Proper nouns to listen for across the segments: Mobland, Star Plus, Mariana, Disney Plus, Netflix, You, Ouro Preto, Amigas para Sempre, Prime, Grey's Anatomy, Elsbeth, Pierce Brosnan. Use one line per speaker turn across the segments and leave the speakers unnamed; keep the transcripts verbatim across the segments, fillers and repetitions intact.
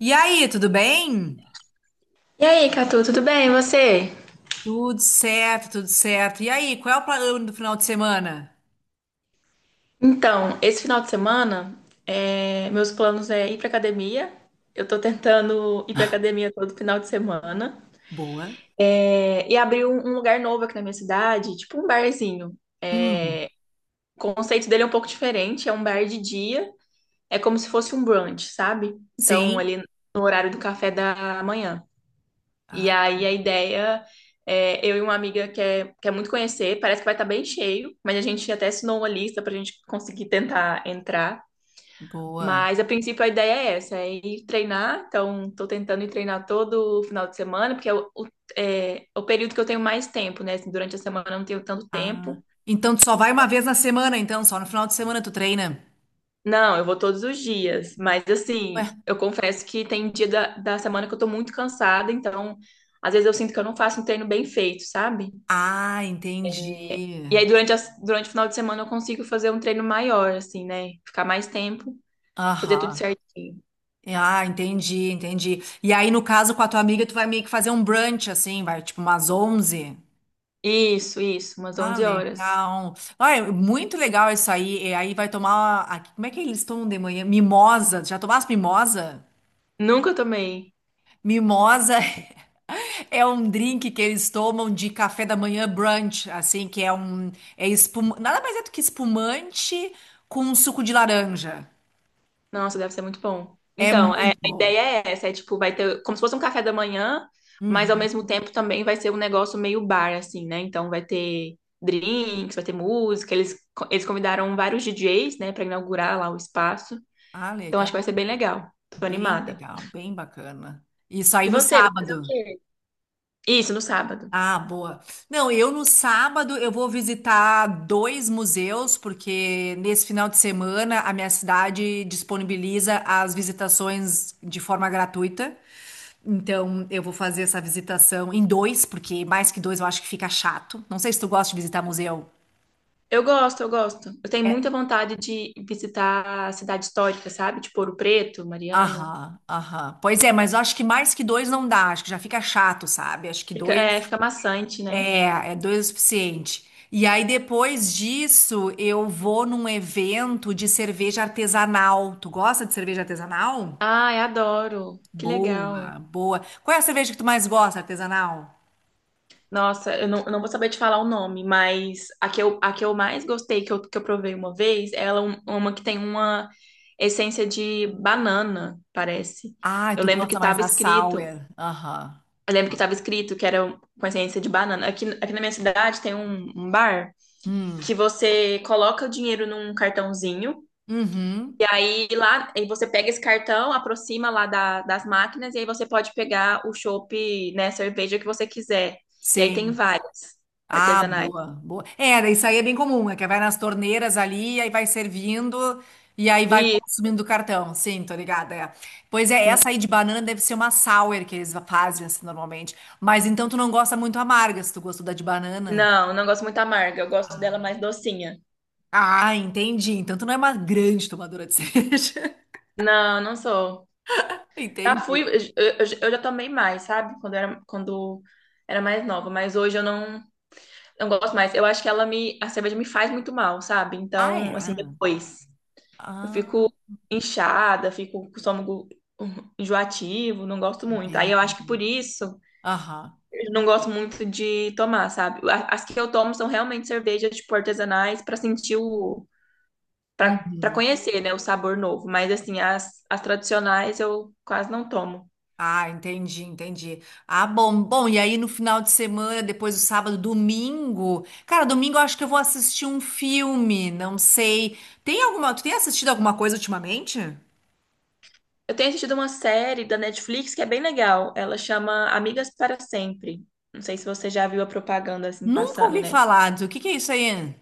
E aí, tudo bem?
E aí, Catu, tudo bem? E você?
Tudo certo, tudo certo. E aí, qual é o plano do final de semana?
Então, esse final de semana, é, meus planos é ir pra academia. Eu tô tentando ir pra academia todo final de semana.
Boa.
É, e abrir um, um lugar novo aqui na minha cidade, tipo um barzinho.
Hum.
O conceito dele é um pouco diferente, é um bar de dia. É como se fosse um brunch, sabe? Então,
Sim.
ali no horário do café da manhã. E
Ah,
aí a ideia é eu e uma amiga quer, quer muito conhecer, parece que vai estar bem cheio, mas a gente até assinou uma lista pra gente conseguir tentar entrar.
boa.
Mas a princípio a ideia é essa, é ir treinar. Então, estou tentando ir treinar todo final de semana, porque é o, o- é é o período que eu tenho mais tempo, né? Assim, durante a semana eu não tenho tanto
Ah.
tempo.
Então tu só vai uma vez na semana, então, só no final de semana tu treina.
Não, eu vou todos os dias, mas
Ué.
assim, eu confesso que tem dia da, da semana que eu tô muito cansada, então às vezes eu sinto que eu não faço um treino bem feito, sabe?
Ah, entendi.
E aí durante, as- durante o final de semana eu consigo fazer um treino maior, assim, né? Ficar mais tempo, fazer tudo
Aham.
certinho.
Ah, entendi, entendi. E aí, no caso, com a tua amiga, tu vai meio que fazer um brunch, assim, vai tipo umas onze.
Isso, isso, umas
Ah,
onze horas.
legal. Ah, é muito legal isso aí. E aí vai tomar aqui. Como é que eles tomam de manhã? Mimosa. Já tomaste mimosa?
Nunca tomei.
Mimosa é um drink que eles tomam de café da manhã brunch, assim, que é um. É espum... Nada mais é do que espumante com suco de laranja.
Nossa, deve ser muito bom.
É
Então, é-
muito
a
bom.
ideia é essa, é tipo, vai ter como se fosse um café da manhã, mas ao
Uhum.
mesmo tempo também vai ser um negócio meio bar, assim, né? Então vai ter drinks, vai ter música, eles, eles convidaram vários D Js, né, pra inaugurar lá o espaço.
Ah,
Então acho que vai ser
legal.
bem legal. Tô
Bem
animada.
legal, bem bacana. Isso aí
E
no
você, vai fazer o
sábado.
quê? Isso, no sábado.
Ah, boa. Não, eu no sábado eu vou visitar dois museus, porque nesse final de semana a minha cidade disponibiliza as visitações de forma gratuita. Então eu vou fazer essa visitação em dois, porque mais que dois eu acho que fica chato. Não sei se tu gosta de visitar museu.
Eu gosto, eu gosto. Eu tenho
É,
muita vontade de visitar a cidade histórica, sabe? Tipo Ouro Preto, Mariana.
aham, aham. Pois é, mas eu acho que mais que dois não dá, acho que já fica chato, sabe? Acho que
Fica, é,
dois.
fica maçante, né?
É, é dois o suficiente. E aí, depois disso, eu vou num evento de cerveja artesanal. Tu gosta de cerveja artesanal?
Ai, adoro. Que legal.
Boa, boa. Qual é a cerveja que tu mais gosta, artesanal?
Nossa, eu não, eu não vou saber te falar o nome, mas a que eu, a que eu mais gostei, que eu, que eu provei uma vez, ela é um- uma que tem uma essência de banana, parece.
Ah,
Eu
tu
lembro que
gosta mais
estava
da
escrito,
sour. Aham.
eu lembro que estava escrito que era um, com essência de banana. Aqui, aqui na minha cidade tem um, um bar que você coloca o dinheiro num cartãozinho,
Uhum.
e aí lá, aí você pega esse cartão, aproxima lá da- das máquinas, e aí você pode pegar o chopp, né, cerveja que você quiser. E aí tem
Sim.
várias
Ah,
artesanais.
boa, boa. É, daí isso aí é bem comum, é que vai nas torneiras ali, aí vai servindo e aí vai
E
consumindo do cartão. Sim, tô ligada, é. Pois é,
n-
essa aí de banana deve ser uma sour que eles fazem assim, normalmente. Mas então tu não gosta muito amarga, se tu gostou da de banana.
não, não gosto muito amarga, eu gosto dela
Ah,
mais docinha.
Ah, entendi. Então tu não é uma grande tomadora de cerveja.
Não, não sou. Já fui, eu,
Entendi.
eu- eu já tomei mais, sabe? Quando era, quando era mais nova, mas hoje eu não, não gosto mais. Eu acho que ela me, a cerveja me faz muito mal, sabe?
Ah,
Então, assim,
é?
depois eu
Ah,
fico inchada, fico com o estômago hum, enjoativo, não gosto muito. Aí eu
entendi.
acho que por isso
Aham.
eu não gosto muito de tomar, sabe? A- As que eu tomo são realmente cervejas, tipo, artesanais, pra sentir o Pra para
Uhum.
conhecer, né, o sabor novo. Mas, assim, as, as tradicionais eu quase não tomo.
Ah, entendi, entendi. Ah, bom, bom, e aí no final de semana, depois do sábado, domingo. Cara, domingo eu acho que eu vou assistir um filme, não sei. Tem alguma, tu tem assistido alguma coisa ultimamente?
Eu tenho assistido uma série da Netflix que é bem legal. Ela chama Amigas para Sempre. Não sei se você já viu a propaganda assim
Nunca
passando,
ouvi
né?
falar. do- O que que é isso aí?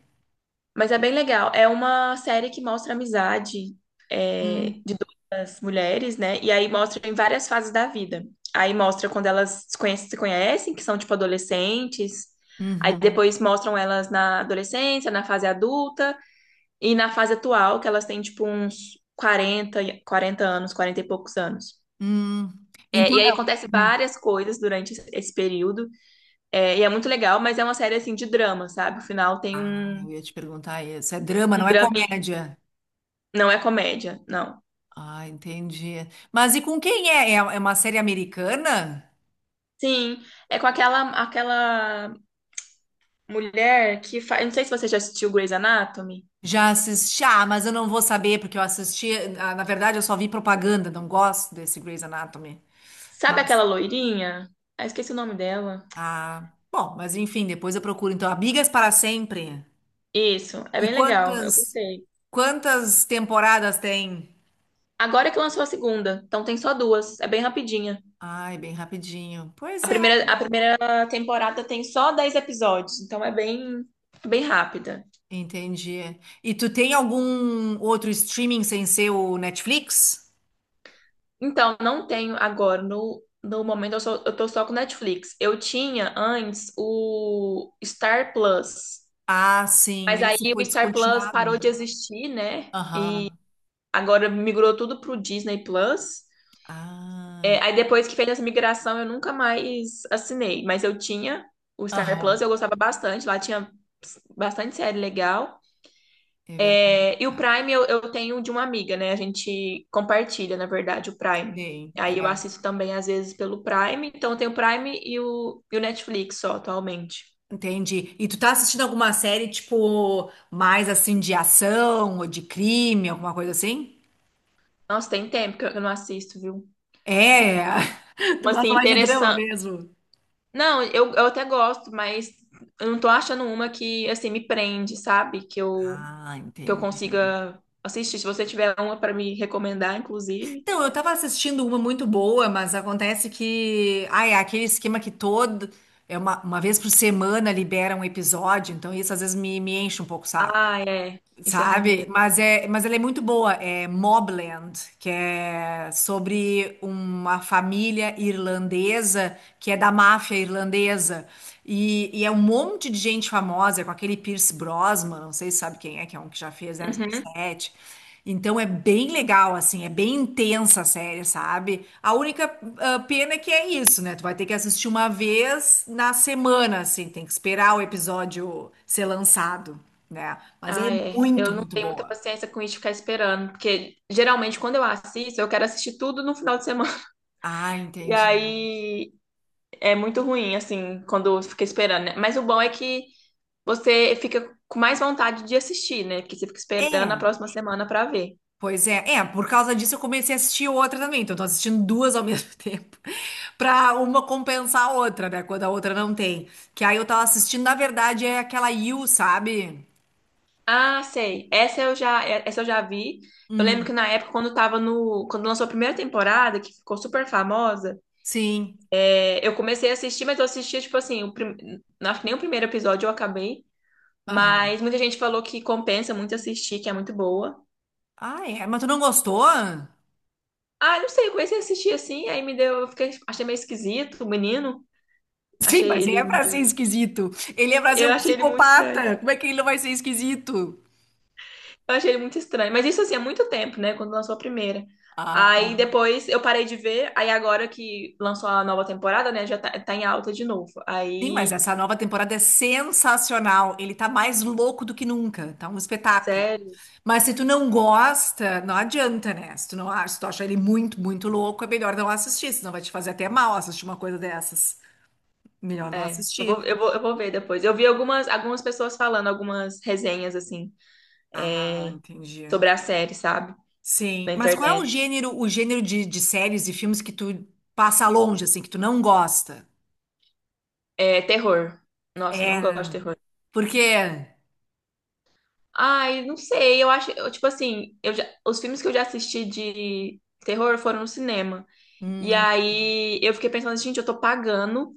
Mas é bem legal. É uma série que mostra a amizade é,
Hum,
de duas mulheres, né? E aí mostra em várias fases da vida. Aí mostra quando elas se conhecem, se conhecem, que são tipo adolescentes. Aí
uhum,
depois mostram elas na adolescência, na fase adulta. E na fase atual, que elas têm tipo uns quarenta, quarenta anos, quarenta e poucos anos.
hum.
É,
Então,
e aí
é-
acontece
um, hum.
várias coisas durante esse esse período. É, e é muito legal, mas é uma série assim de drama, sabe? O final tem
Ah,
um,
eu ia te perguntar isso. É drama,
um
não é
drama,
comédia.
não é comédia, não.
Ah, entendi. Mas e com quem é? É é uma série americana?
Sim, é com aquela aquela mulher que faz. Não sei se você já assistiu Grey's Anatomy.
Já assisti, ah, mas eu não vou saber, porque eu assisti, ah, na verdade eu só vi propaganda, não gosto desse Grey's Anatomy.
Sabe
Mas,
aquela loirinha? Ah, esqueci o nome dela.
ah, bom, mas enfim, depois eu procuro. Então, Amigas para Sempre.
Isso, é
E
bem legal, eu
quantas,
gostei.
quantas temporadas tem?
Agora que lançou a segunda, então tem só duas, é bem rapidinha.
Ai, bem rapidinho. Pois
A
é,
primeira, a primeira temporada tem só dez episódios, então é bem, bem rápida.
entendi. E tu tem algum outro streaming sem ser o Netflix?
Então, não tenho agora, no, no momento eu, só, eu tô só com Netflix. Eu tinha antes o Star Plus,
Ah,
mas
sim, esse
aí
foi
o Star Plus
descontinuado, né?
parou de existir, né?
Aham.
Agora migrou tudo pro Disney Plus.
Ah,
É, aí depois que fez essa migração, eu nunca mais assinei, mas eu tinha o Star Plus,
aham,
eu gostava bastante, lá tinha bastante série legal.
é verdade.
É, e o Prime eu, eu tenho de uma amiga, né? A gente compartilha, na verdade, o Prime.
Sim,
Aí eu
é.
assisto também, às vezes, pelo Prime. Então eu tenho o Prime e o, e o Netflix só, atualmente.
Entendi. E tu tá assistindo alguma série, tipo, mais assim de ação ou de crime, alguma coisa assim?
Nossa, tem tempo que eu que eu não assisto, viu?
É, tu
Uma, assim,
gosta mais de drama
interessante.
mesmo.
Não, eu, eu até gosto, mas eu não tô achando uma que, assim, me prende, sabe? Que eu,
Ah,
que eu
entendi.
consiga assistir. Se você tiver uma pra me recomendar, inclusive.
Então, eu tava assistindo uma muito boa, mas acontece que, ah, é aquele esquema que todo, é uma, uma vez por semana libera um episódio, então isso às vezes me, me, enche um pouco o saco.
Ah, é. Isso é ruim
Sabe?
mesmo.
Mas, é, mas ela é muito boa. É Mobland, que é sobre uma família irlandesa que é da máfia irlandesa. E, e é um monte de gente famosa, com aquele Pierce Brosnan, não sei se sabe quem é, que é um que já fez
Uhum.
zero zero sete. Então é bem legal, assim, é bem intensa a série, sabe? A única ah, pena é que é isso, né? Tu vai ter que assistir uma vez na semana, assim, tem que esperar o episódio ser lançado, né? Mas é
Ah, é.
muito,
Eu não
muito
tenho muita
boa.
paciência com isso de ficar esperando, porque geralmente quando eu assisto, eu quero assistir tudo no final de semana.
Ah,
E
entendi.
aí é muito ruim, assim, quando fica esperando, né? Mas o bom é que você fica com mais vontade de assistir, né? Porque você fica esperando a
É,
próxima semana pra ver.
pois é. É, por causa disso eu comecei a assistir outra também. Então, eu tô assistindo duas ao mesmo tempo. Pra uma compensar a outra, né? Quando a outra não tem. Que aí eu tava assistindo, na verdade, é aquela You, sabe?
Ah, sei. Essa eu já, é, essa eu já vi. Eu lembro que
Hum,
na época, quando tava no, quando lançou a primeira temporada, que ficou super famosa,
sim.
é, eu comecei a assistir, mas eu assistia, tipo assim, o prim... acho que nem o primeiro episódio eu acabei.
Aham.
Mas muita gente falou que compensa muito assistir, que é muito boa.
Ah, é? Mas tu não gostou?
Ah, não sei, eu comecei a assistir assim, aí me deu, eu fiquei, achei meio esquisito o menino.
Sim,
Achei
mas ele
ele,
é pra ser
meio-
esquisito. Ele é pra ser
eu
um
achei ele muito estranho.
psicopata. Como é que ele não vai ser esquisito?
Eu achei ele muito estranho. Mas isso assim, há muito tempo, né? Quando lançou a primeira.
Ah, tá.
Aí depois eu parei de ver, aí agora que lançou a nova temporada, né? Já tá, tá em alta de novo.
Sim, mas
Aí,
essa nova temporada é sensacional. Ele tá mais louco do que nunca. Tá um espetáculo.
sério,
Mas se tu não gosta, não adianta, né? Se tu não acha, se tu acha ele muito, muito louco, é melhor não assistir, senão vai te fazer até mal assistir uma coisa dessas. Melhor não
é. Eu vou,
assistir.
eu vou, eu vou ver depois. Eu vi algumas, algumas pessoas falando, algumas resenhas, assim,
Ah,
é,
entendi.
sobre a série, sabe?
Sim.
Na
Mas qual é o
internet.
gênero, o gênero de, de séries e filmes que tu passa longe, assim, que tu não gosta?
É, terror. Nossa, não gosto de terror.
Porque.
Ai, não sei, eu acho, eu, tipo assim, eu já- os filmes que eu já assisti de terror foram no cinema. E
Hum,
aí eu fiquei pensando, gente, eu tô pagando,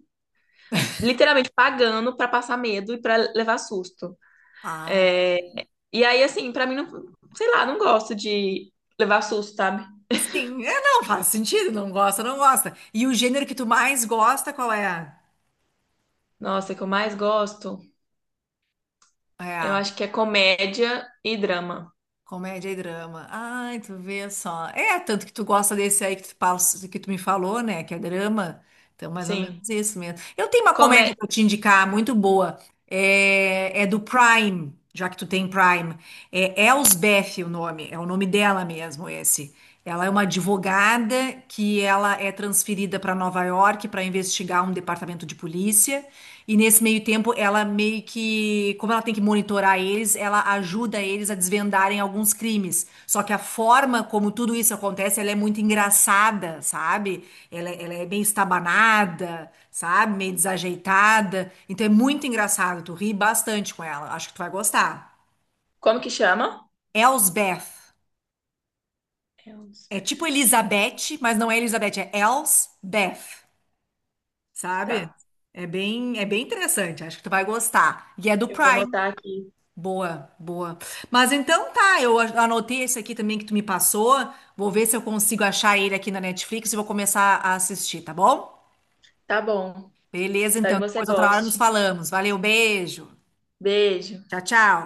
literalmente pagando pra passar medo e pra levar susto.
ah,
É, e aí, assim, pra mim, não, sei lá, não gosto de levar susto, sabe?
sim. É, não, faz sentido. Não gosta, não gosta. E o gênero que tu mais gosta, qual é?
Nossa, o que eu mais gosto, eu
É.
acho que é comédia e drama.
Comédia e drama. Ai, tu vê só. É, tanto que tu gosta desse aí que tu, passa- que tu me falou, né? Que é drama. Então, mais ou menos
Sim.
isso mesmo. Eu tenho uma
Comé...
comédia pra te indicar, muito boa. É, é do Prime, já que tu tem Prime. É Elsbeth o nome, é o nome dela mesmo, esse. Ela é uma advogada que ela é transferida para Nova York para investigar um departamento de polícia. E nesse meio tempo, ela meio que, como ela ela tem que monitorar eles, ela ajuda eles a desvendarem alguns crimes. Só que a forma como tudo isso acontece, ela é muito engraçada, sabe? Ela, ela é bem estabanada, sabe? Meio desajeitada. Então é muito engraçado, tu ri bastante com ela. Acho que tu vai gostar.
Como que chama?
Elsbeth.
É um...
É tipo Elizabeth, mas não é Elizabeth, é Elsbeth, sabe?
Tá,
É bem, é bem interessante, acho que tu vai gostar. E é do
eu vou
Prime.
anotar aqui.
Boa, boa. Mas então tá, eu a- anotei esse aqui também que tu me passou. Vou ver se eu consigo achar ele aqui na Netflix e vou começar a assistir, tá bom?
Tá bom.
Beleza,
Espero
então.
que você
Depois outra hora nos
goste.
falamos. Valeu, beijo.
Beijo.
Tchau, tchau.